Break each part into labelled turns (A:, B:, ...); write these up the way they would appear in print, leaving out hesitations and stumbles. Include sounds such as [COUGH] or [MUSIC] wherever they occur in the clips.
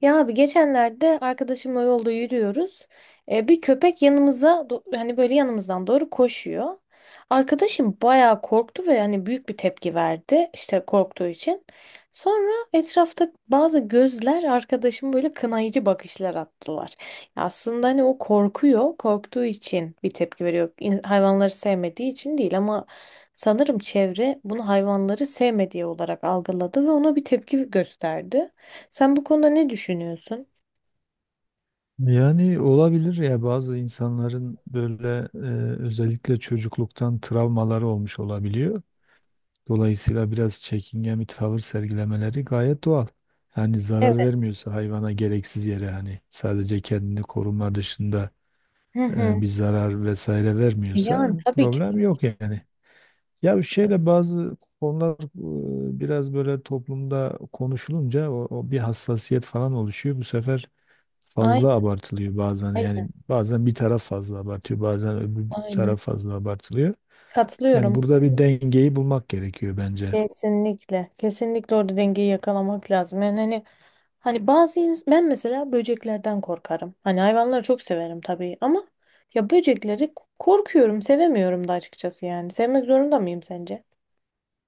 A: Ya abi geçenlerde arkadaşımla yolda yürüyoruz. Bir köpek yanımıza hani böyle yanımızdan doğru koşuyor. Arkadaşım bayağı korktu ve yani büyük bir tepki verdi işte korktuğu için. Sonra etrafta bazı gözler arkadaşım böyle kınayıcı bakışlar attılar. Ya aslında hani o korkuyor, korktuğu için bir tepki veriyor. Hayvanları sevmediği için değil ama sanırım çevre bunu hayvanları sevmediği olarak algıladı ve ona bir tepki gösterdi. Sen bu konuda ne düşünüyorsun?
B: Yani olabilir ya bazı insanların böyle özellikle çocukluktan travmaları olmuş olabiliyor. Dolayısıyla biraz çekingen bir tavır sergilemeleri gayet doğal. Yani
A: Evet.
B: zarar vermiyorsa hayvana gereksiz yere hani sadece kendini koruma dışında
A: Hı hı.
B: bir zarar vesaire vermiyorsa
A: Yani tabii ki.
B: problem yok yani. Ya bir şeyle bazı konular biraz böyle toplumda konuşulunca o bir hassasiyet falan oluşuyor. Bu sefer fazla
A: Aynen,
B: abartılıyor bazen.
A: aynen,
B: Yani bazen bir taraf fazla abartıyor, bazen öbür taraf
A: aynen.
B: fazla abartılıyor. Yani
A: Katılıyorum.
B: burada bir dengeyi bulmak gerekiyor bence.
A: Kesinlikle. Kesinlikle orada dengeyi yakalamak lazım. Yani hani ben mesela böceklerden korkarım. Hani hayvanları çok severim tabii ama ya böcekleri korkuyorum, sevemiyorum da açıkçası yani. Sevmek zorunda mıyım sence?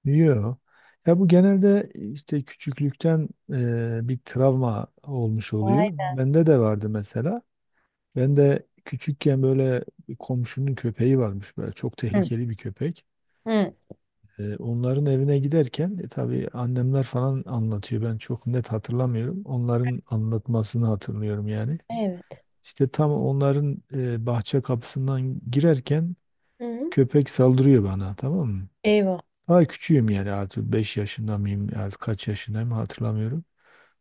B: Yok. Ya bu genelde işte küçüklükten bir travma olmuş
A: Ay,
B: oluyor. Bende de vardı mesela. Ben de küçükken böyle bir komşunun köpeği varmış böyle çok
A: Hı.
B: tehlikeli bir köpek.
A: Hı.
B: Onların evine giderken tabii annemler falan anlatıyor. Ben çok net hatırlamıyorum. Onların anlatmasını hatırlıyorum yani.
A: Evet.
B: İşte tam onların bahçe kapısından girerken
A: Hı. hı.
B: köpek saldırıyor bana, tamam mı?
A: Eyvah.
B: Daha küçüğüm yani artık 5 yaşında mıyım artık kaç yaşındayım hatırlamıyorum.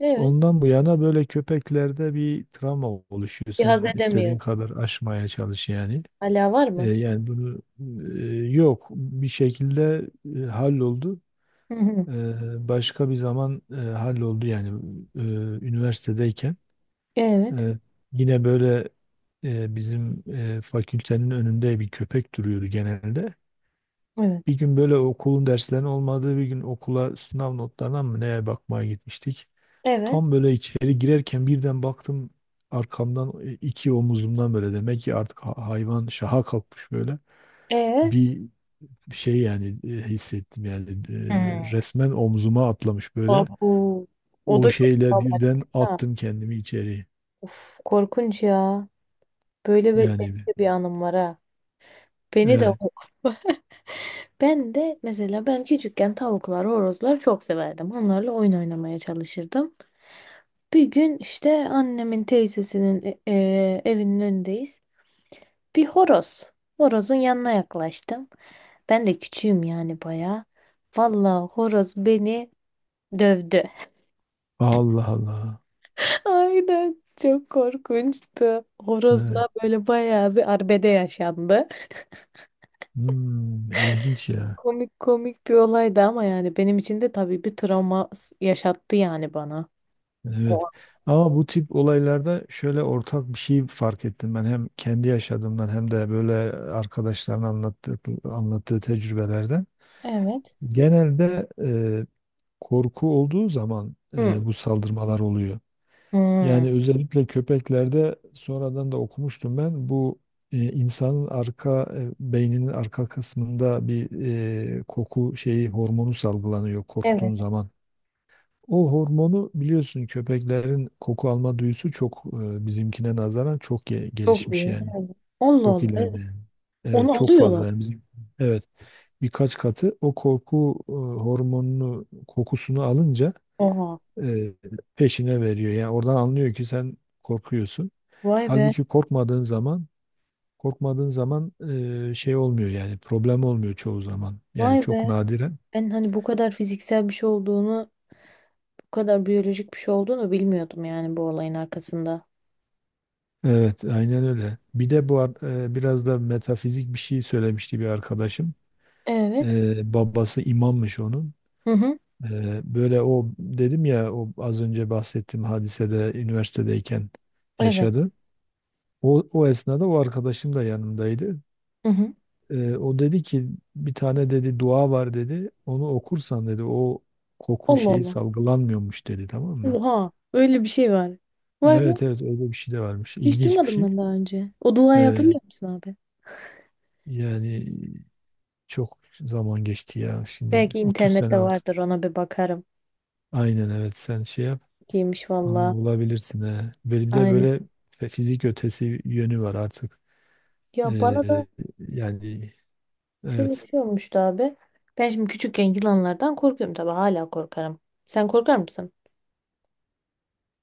A: Evet.
B: Ondan bu yana böyle köpeklerde bir travma oluşuyor.
A: Bir haz
B: Sen
A: edemiyorum.
B: istediğin kadar aşmaya çalış yani.
A: Hala var mı?
B: Yani bunu yok bir şekilde halloldu.
A: Hı hı.
B: E, Başka bir zaman halloldu yani e, üniversitedeyken.
A: Evet.
B: Ee, Yine böyle bizim fakültenin önünde bir köpek duruyordu genelde.
A: Evet.
B: Bir gün böyle okulun derslerinin olmadığı bir gün okula sınav notlarına mı neye bakmaya gitmiştik.
A: Evet.
B: Tam böyle içeri girerken birden baktım arkamdan iki omuzumdan böyle demek ki artık hayvan şaha kalkmış böyle.
A: Ee?
B: Bir şey yani hissettim yani
A: Hmm.
B: resmen omzuma atlamış böyle.
A: Abu. O
B: O
A: da çok
B: şeyle
A: travmatik
B: birden
A: değil mi?
B: attım kendimi içeri.
A: Of korkunç ya. Böyle benim
B: Yani
A: de bir anım var ha. Beni de
B: evet.
A: [LAUGHS] Ben de mesela ben küçükken tavuklar, horozlar çok severdim. Onlarla oyun oynamaya çalışırdım. Bir gün işte annemin teyzesinin evinin önündeyiz. Bir horoz. Horozun yanına yaklaştım. Ben de küçüğüm yani bayağı. Vallahi horoz beni dövdü.
B: Allah Allah.
A: Aynen. Çok korkunçtu.
B: Evet.
A: Horozla böyle bayağı bir arbede yaşandı.
B: Hmm, ilginç ya.
A: Komik komik bir olaydı ama yani benim için de tabii bir travma yaşattı yani bana. O-
B: Evet.
A: an.
B: Ama bu tip olaylarda şöyle ortak bir şey fark ettim ben hem kendi yaşadığımdan hem de böyle arkadaşların anlattığı tecrübelerden.
A: Evet.
B: Genelde korku olduğu zaman
A: Hı.
B: bu saldırmalar oluyor.
A: Hı.
B: Yani özellikle köpeklerde sonradan da okumuştum ben bu insanın arka beyninin arka kısmında bir koku şeyi hormonu salgılanıyor korktuğun
A: Evet.
B: zaman. O hormonu biliyorsun köpeklerin koku alma duyusu çok bizimkine nazaran çok
A: Çok
B: gelişmiş
A: iyi.
B: yani.
A: Evet. Allah
B: Çok
A: Allah. Evet.
B: ileride yani.
A: Onu
B: Evet çok
A: alıyorlar.
B: fazla yani bizim. Evet birkaç katı o korku hormonunu kokusunu alınca
A: Oha.
B: e, peşine veriyor. Yani oradan anlıyor ki sen korkuyorsun.
A: Vay be.
B: Halbuki korkmadığın zaman şey olmuyor yani problem olmuyor çoğu zaman. Yani
A: Vay
B: çok
A: be.
B: nadiren.
A: Ben hani bu kadar fiziksel bir şey olduğunu, bu kadar biyolojik bir şey olduğunu bilmiyordum yani bu olayın arkasında.
B: Evet, aynen öyle. Bir de bu biraz da metafizik bir şey söylemişti bir arkadaşım.
A: Evet.
B: Babası imammış onun.
A: Hı hı.
B: Böyle o dedim ya o az önce bahsettiğim hadisede üniversitedeyken
A: Evet.
B: yaşadı. O esnada o arkadaşım da yanımdaydı.
A: Hı hı.
B: O dedi ki bir tane dedi dua var dedi. Onu okursan dedi o koku
A: Allah
B: şeyi
A: Allah.
B: salgılanmıyormuş dedi, tamam mı?
A: Oha, öyle bir şey var. Vay be,
B: Evet evet, öyle bir şey de varmış.
A: hiç
B: İlginç bir
A: duymadım
B: şey.
A: ben daha önce. O duayı
B: E,
A: hatırlıyor musun abi?
B: Yani çok zaman geçti ya. Şimdi
A: Belki
B: 30 sene
A: internette
B: oldu.
A: vardır ona bir bakarım.
B: Aynen evet, sen şey yap.
A: Giymiş
B: Onu
A: valla.
B: bulabilirsin he. Böyle bir de
A: Aynen.
B: böyle fizik ötesi yönü var artık.
A: Ya bana da
B: Ee, Yani
A: şöyle bir
B: evet.
A: şey olmuştu abi. Ben şimdi küçükken yılanlardan korkuyorum tabii hala korkarım. Sen korkar mısın?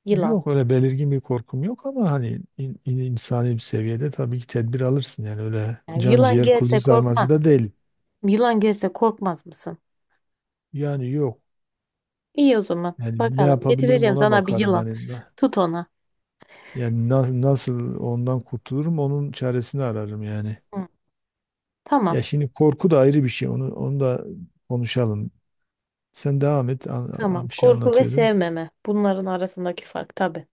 A: Yılan.
B: Yok öyle belirgin bir korkum yok ama hani insani bir seviyede tabii ki tedbir alırsın yani öyle
A: Yani
B: can
A: yılan
B: ciğer kuzu
A: gelse
B: sarması
A: korkmaz.
B: da değil.
A: Yılan gelse korkmaz mısın?
B: Yani yok.
A: İyi o zaman.
B: Yani ne
A: Bakalım.
B: yapabilirim
A: Getireceğim
B: ona
A: sana bir
B: bakarım
A: yılan.
B: hani
A: Tut ona.
B: yani nasıl ondan kurtulurum onun çaresini ararım yani.
A: Hı.
B: Ya
A: Tamam.
B: şimdi korku da ayrı bir şey. Onu da konuşalım. Sen devam et.
A: Tamam.
B: Bir şey
A: Korku ve
B: anlatıyordum.
A: sevmeme. Bunların arasındaki fark tabii.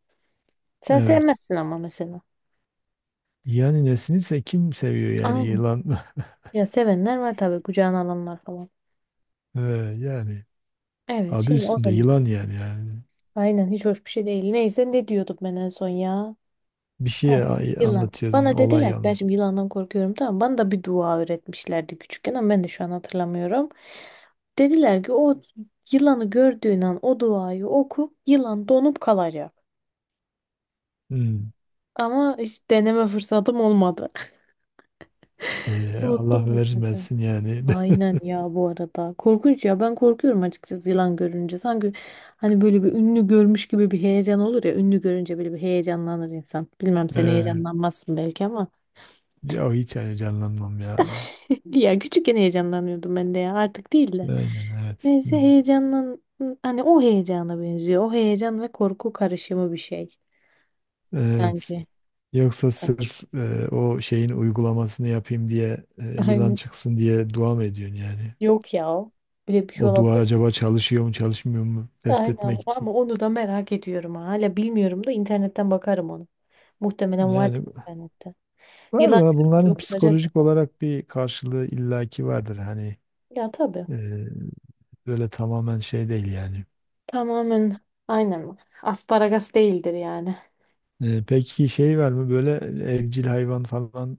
A: Sen
B: Evet.
A: sevmezsin ama mesela.
B: Yani nesinse kim seviyor yani
A: Aynen.
B: yılan? [LAUGHS]
A: Ya sevenler var tabii kucağına alanlar falan.
B: Ee, Yani
A: Evet
B: adı
A: şimdi o
B: üstünde
A: zaman.
B: yılan yani.
A: Aynen hiç hoş bir şey değil. Neyse ne diyordum ben en son ya.
B: Bir
A: Ha,
B: şey
A: yılan.
B: anlatıyordun
A: Bana
B: olay
A: dediler ki ben
B: yani.
A: şimdi yılandan korkuyorum tamam. Bana da bir dua öğretmişlerdi küçükken ama ben de şu an hatırlamıyorum. Dediler ki o yılanı gördüğün an o duayı oku yılan donup kalacak.
B: Hmm.
A: Ama hiç deneme fırsatım olmadı. [LAUGHS]
B: Allah
A: Unuttum da zaten.
B: vermesin yani. [LAUGHS]
A: Aynen ya bu arada. Korkunç ya ben korkuyorum açıkçası yılan görünce. Sanki hani böyle bir ünlü görmüş gibi bir heyecan olur ya. Ünlü görünce böyle bir heyecanlanır insan. Bilmem sen
B: Ee,
A: heyecanlanmazsın belki ama.
B: Ya hiç yani canlanmam ya.
A: [LAUGHS] Ya küçükken heyecanlanıyordum ben de ya artık değil de.
B: Aynen evet.
A: Neyse
B: Hmm.
A: hani o heyecana benziyor. O heyecan ve korku karışımı bir şey
B: Evet.
A: sanki.
B: Yoksa
A: [LAUGHS]
B: sırf o şeyin uygulamasını yapayım diye yılan
A: Aynen.
B: çıksın diye dua mı ediyorsun yani?
A: Yok ya. O. Böyle bir şey
B: O dua
A: olabilir.
B: acaba çalışıyor mu çalışmıyor mu test etmek
A: Aynen
B: için.
A: ama onu da merak ediyorum. Ha. Hala bilmiyorum da internetten bakarım onu. Muhtemelen vardır
B: Yani
A: internette.
B: vardır
A: Yılan
B: ama
A: görünce
B: bunların
A: okunacak da.
B: psikolojik olarak bir karşılığı illaki vardır. Hani
A: Ya tabii.
B: e, böyle tamamen şey değil yani.
A: Tamamen aynen. Asparagas değildir yani.
B: Peki şey var mı böyle evcil hayvan falan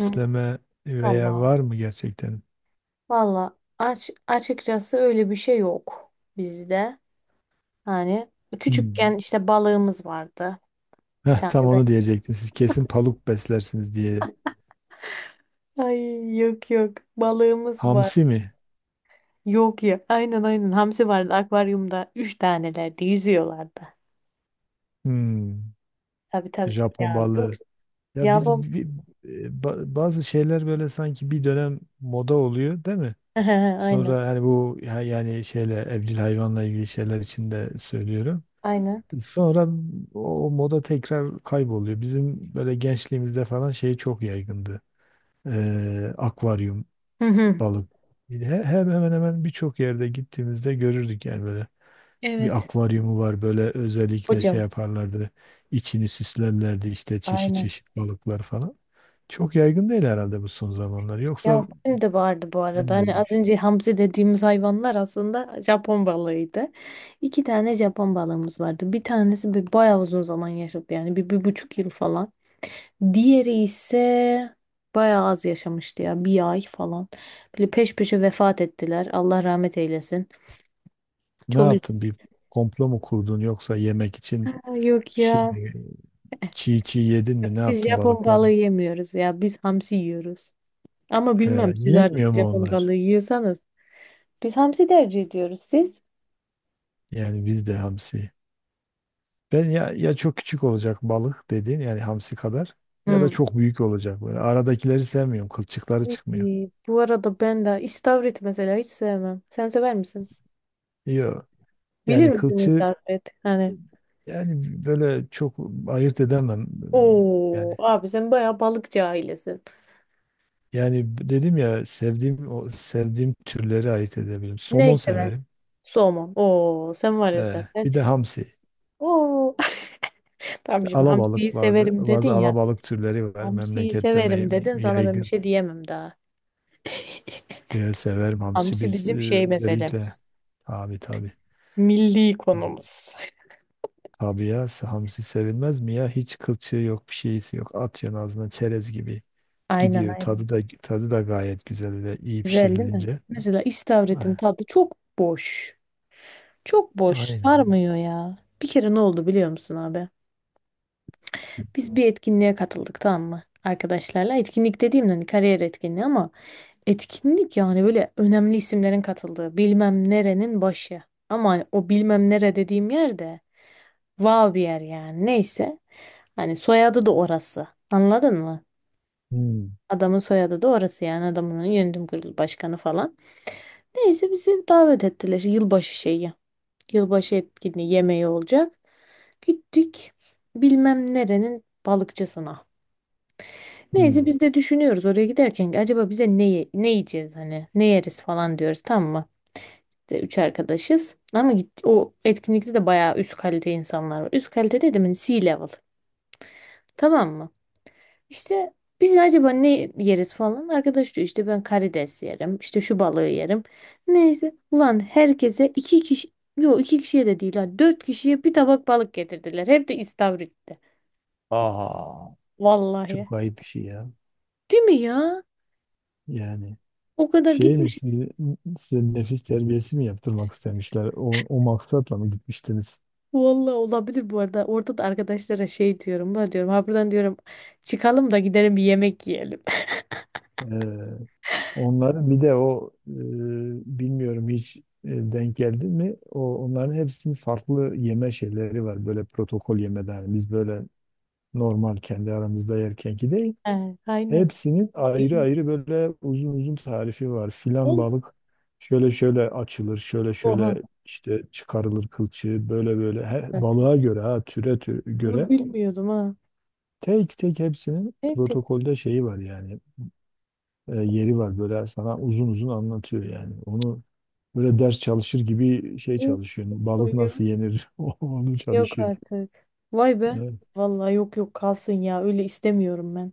A: Hı.
B: veya
A: Vallahi.
B: var mı gerçekten?
A: Vallahi açıkçası öyle bir şey yok bizde. Hani
B: Hmm.
A: küçükken işte balığımız vardı. Bir
B: Heh,
A: tane
B: tam
A: be.
B: onu diyecektim. Siz kesin paluk beslersiniz diye.
A: Ay yok yok. Balığımız var.
B: Hamsi mi?
A: Yok ya. Aynen aynen. Hamsi vardı akvaryumda. Üç tanelerdi. Yüzüyorlardı.
B: Hmm.
A: Tabii tabii.
B: Japon
A: Ya yok.
B: balığı. Ya
A: Ya
B: biz
A: bab-
B: bazı şeyler böyle sanki bir dönem moda oluyor, değil mi?
A: [LAUGHS] Aynen.
B: Sonra hani bu yani şeyle evcil hayvanla ilgili şeyler için de söylüyorum.
A: Aynen.
B: Sonra o moda tekrar kayboluyor. Bizim böyle gençliğimizde falan şey çok yaygındı. Akvaryum,
A: Hı hı.
B: balık. Hem hemen hemen birçok yerde gittiğimizde görürdük yani böyle bir
A: Evet.
B: akvaryumu var böyle özellikle şey
A: Hocam.
B: yaparlardı. İçini süslerlerdi işte çeşit
A: Aynen.
B: çeşit balıklar falan. Çok yaygın değil herhalde bu son zamanlar. Yoksa
A: Ya benim de vardı bu arada.
B: ben
A: Hani
B: böyle bir
A: az
B: şey-
A: önce hamsi dediğimiz hayvanlar aslında Japon balığıydı. İki tane Japon balığımız vardı. Bir tanesi bir bayağı uzun zaman yaşadı yani bir, 1,5 yıl falan. Diğeri ise bayağı az yaşamıştı ya bir ay falan. Böyle peş peşe vefat ettiler. Allah rahmet eylesin.
B: Ne
A: Çok
B: yaptın? Bir komplo mu kurdun yoksa yemek için
A: üzüldüm. Yok
B: bir şey
A: ya
B: mi? Çiğ çiğ yedin mi? Ne
A: biz
B: yaptın
A: Japon
B: balıkları?
A: balığı yemiyoruz ya biz hamsi yiyoruz. Ama
B: He,
A: bilmem siz artık
B: yenmiyor mu
A: Japon
B: onlar?
A: balığı yiyorsanız. Biz hamsi tercih ediyoruz siz.
B: Yani bizde hamsi. Ben ya çok küçük olacak balık dediğin yani hamsi kadar ya da çok büyük olacak. Böyle aradakileri sevmiyorum. Kılçıkları çıkmıyor.
A: Peki, bu arada ben de istavrit mesela hiç sevmem. Sen sever misin?
B: Yok.
A: Bilir
B: Yani
A: misin istavrit? Hani
B: yani böyle çok ayırt edemem. Yani
A: Oo abi sen bayağı balıkçı ailesin.
B: Yani dedim ya sevdiğim o sevdiğim türleri ayırt edebilirim.
A: Neyi
B: Somon
A: seversin?
B: severim.
A: Somon. Oo sen var ya sen.
B: He, bir de hamsi.
A: Oo [LAUGHS] tamam
B: İşte
A: şimdi hamsiyi
B: alabalık bazı
A: severim dedin
B: bazı
A: ya.
B: alabalık türleri var
A: Hamsiyi
B: memlekette
A: severim dedin sana ben bir
B: yaygın.
A: şey diyemem daha.
B: Severim hamsi
A: Hamsi
B: biz
A: bizim şey
B: özellikle
A: meselemiz.
B: tabii tabii.
A: Milli konumuz.
B: Tabii ya hamsi sevilmez mi ya? Hiç kılçığı yok, bir şeysi yok. Atıyorsun ağzına çerez gibi
A: [LAUGHS] Aynen
B: gidiyor.
A: aynen.
B: Tadı da gayet güzel öyle iyi
A: Güzel değil mi?
B: pişirilince.
A: Mesela istavritin
B: Ah,
A: tadı çok boş. Çok boş,
B: aynen.
A: sarmıyor ya. Bir kere ne oldu biliyor musun abi? Biz bir etkinliğe katıldık tamam mı? Arkadaşlarla. Etkinlik dediğim hani kariyer etkinliği ama etkinlik yani böyle önemli isimlerin katıldığı bilmem nerenin başı. Ama hani o bilmem nere dediğim yer de wow bir yer yani neyse. Hani soyadı da orası. Anladın mı?
B: Hmm,
A: Adamın soyadı da orası yani adamın yönetim kurulu başkanı falan. Neyse bizi davet ettiler yılbaşı şeyi. Yılbaşı etkinliği yemeği olacak. Gittik bilmem nerenin balıkçısına. Neyse
B: hmm.
A: biz de düşünüyoruz oraya giderken ki acaba bize ne yiyeceğiz hani ne yeriz falan diyoruz tamam mı? De, üç arkadaşız ama o etkinlikte de bayağı üst kalite insanlar var. Üst kalite dedim hani C level tamam mı? İşte biz acaba ne yeriz falan. Arkadaş diyor işte ben karides yerim. İşte şu balığı yerim. Neyse. Ulan herkese iki kişi yok iki kişiye de değil ha. Dört kişiye bir tabak balık getirdiler. Hep de istavritte.
B: Aa,
A: Vallahi.
B: çok ayıp bir şey ya.
A: Değil mi ya?
B: Yani
A: O kadar
B: şey mi
A: gitmişiz.
B: sizi- size nefis terbiyesi mi yaptırmak istemişler? O maksatla mı gitmiştiniz?
A: Vallahi olabilir bu arada. Orada da arkadaşlara şey diyorum. Ben diyorum ha buradan diyorum çıkalım da gidelim bir yemek yiyelim.
B: Ee, Onların bir de o bilmiyorum hiç denk geldi mi? O onların hepsinin farklı yeme şeyleri var. Böyle protokol yemeden biz böyle normal kendi aramızda yerkenki değil.
A: He, aynen.
B: Hepsinin
A: Abi.
B: ayrı ayrı böyle uzun uzun tarifi var. Filan
A: Oğlum,
B: balık şöyle şöyle açılır, şöyle
A: Oha.
B: şöyle işte çıkarılır kılçığı, böyle böyle he,
A: Artık.
B: balığa göre ha türe
A: Bunu
B: göre
A: bilmiyordum ha.
B: tek tek hepsinin
A: Evet
B: protokolde şeyi var yani yeri var böyle sana uzun uzun anlatıyor yani. Onu böyle ders çalışır gibi şey
A: yapıyor.
B: çalışıyorsun. Balık
A: Koyuyor.
B: nasıl yenir [LAUGHS] onu
A: Yok
B: çalışıyorsun.
A: artık. Vay be.
B: Evet.
A: Vallahi yok yok kalsın ya. Öyle istemiyorum ben.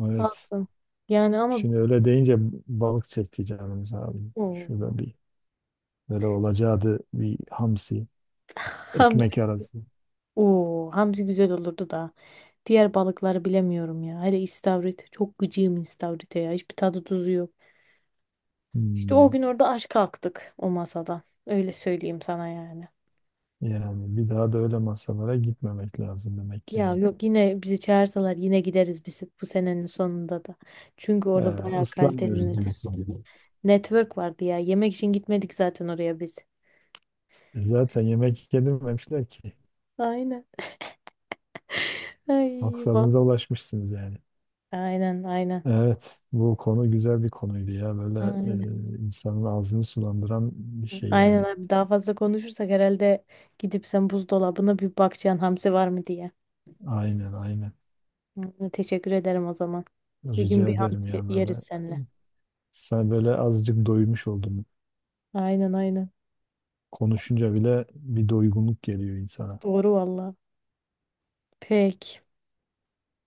B: Evet.
A: Kalsın. Yani ama
B: Şimdi öyle deyince balık çekti canımız abi.
A: Oo.
B: Şurada bir böyle olacağı da bir hamsi,
A: [LAUGHS]
B: ekmek arası.
A: Oo, hamsi güzel olurdu da. Diğer balıkları bilemiyorum ya. Hele istavrit. Çok gıcığım istavrite ya. Hiçbir tadı tuzu yok. İşte o
B: Hmm.
A: gün orada aşk kalktık o masada. Öyle söyleyeyim sana yani.
B: Yani bir daha da öyle masalara gitmemek lazım demek ki
A: Ya
B: yani.
A: yok yine bizi çağırsalar yine gideriz biz bu senenin sonunda da. Çünkü orada bayağı kaliteli
B: Islanmıyoruz diyorsun.
A: network vardı ya. Yemek için gitmedik zaten oraya biz.
B: E zaten yemek yedirmemişler ki.
A: Aynen. Ay, bak.
B: Maksadınıza ulaşmışsınız yani.
A: Aynen aynen.
B: Evet, bu konu güzel bir konuydu ya. Böyle
A: Aynen.
B: insanın ağzını sulandıran bir şey
A: Aynen
B: yani.
A: abi daha fazla konuşursak herhalde gidip sen buzdolabına bir bakacaksın hamsi var mı diye.
B: Aynen, aynen.
A: Hı, teşekkür ederim o zaman. Bir gün
B: Rica
A: bir
B: ederim
A: hamsi
B: ya
A: yeriz
B: böyle.
A: seninle.
B: Sen böyle azıcık doymuş oldum.
A: Aynen aynen.
B: Konuşunca bile bir doygunluk geliyor insana.
A: Doğru valla. Peki.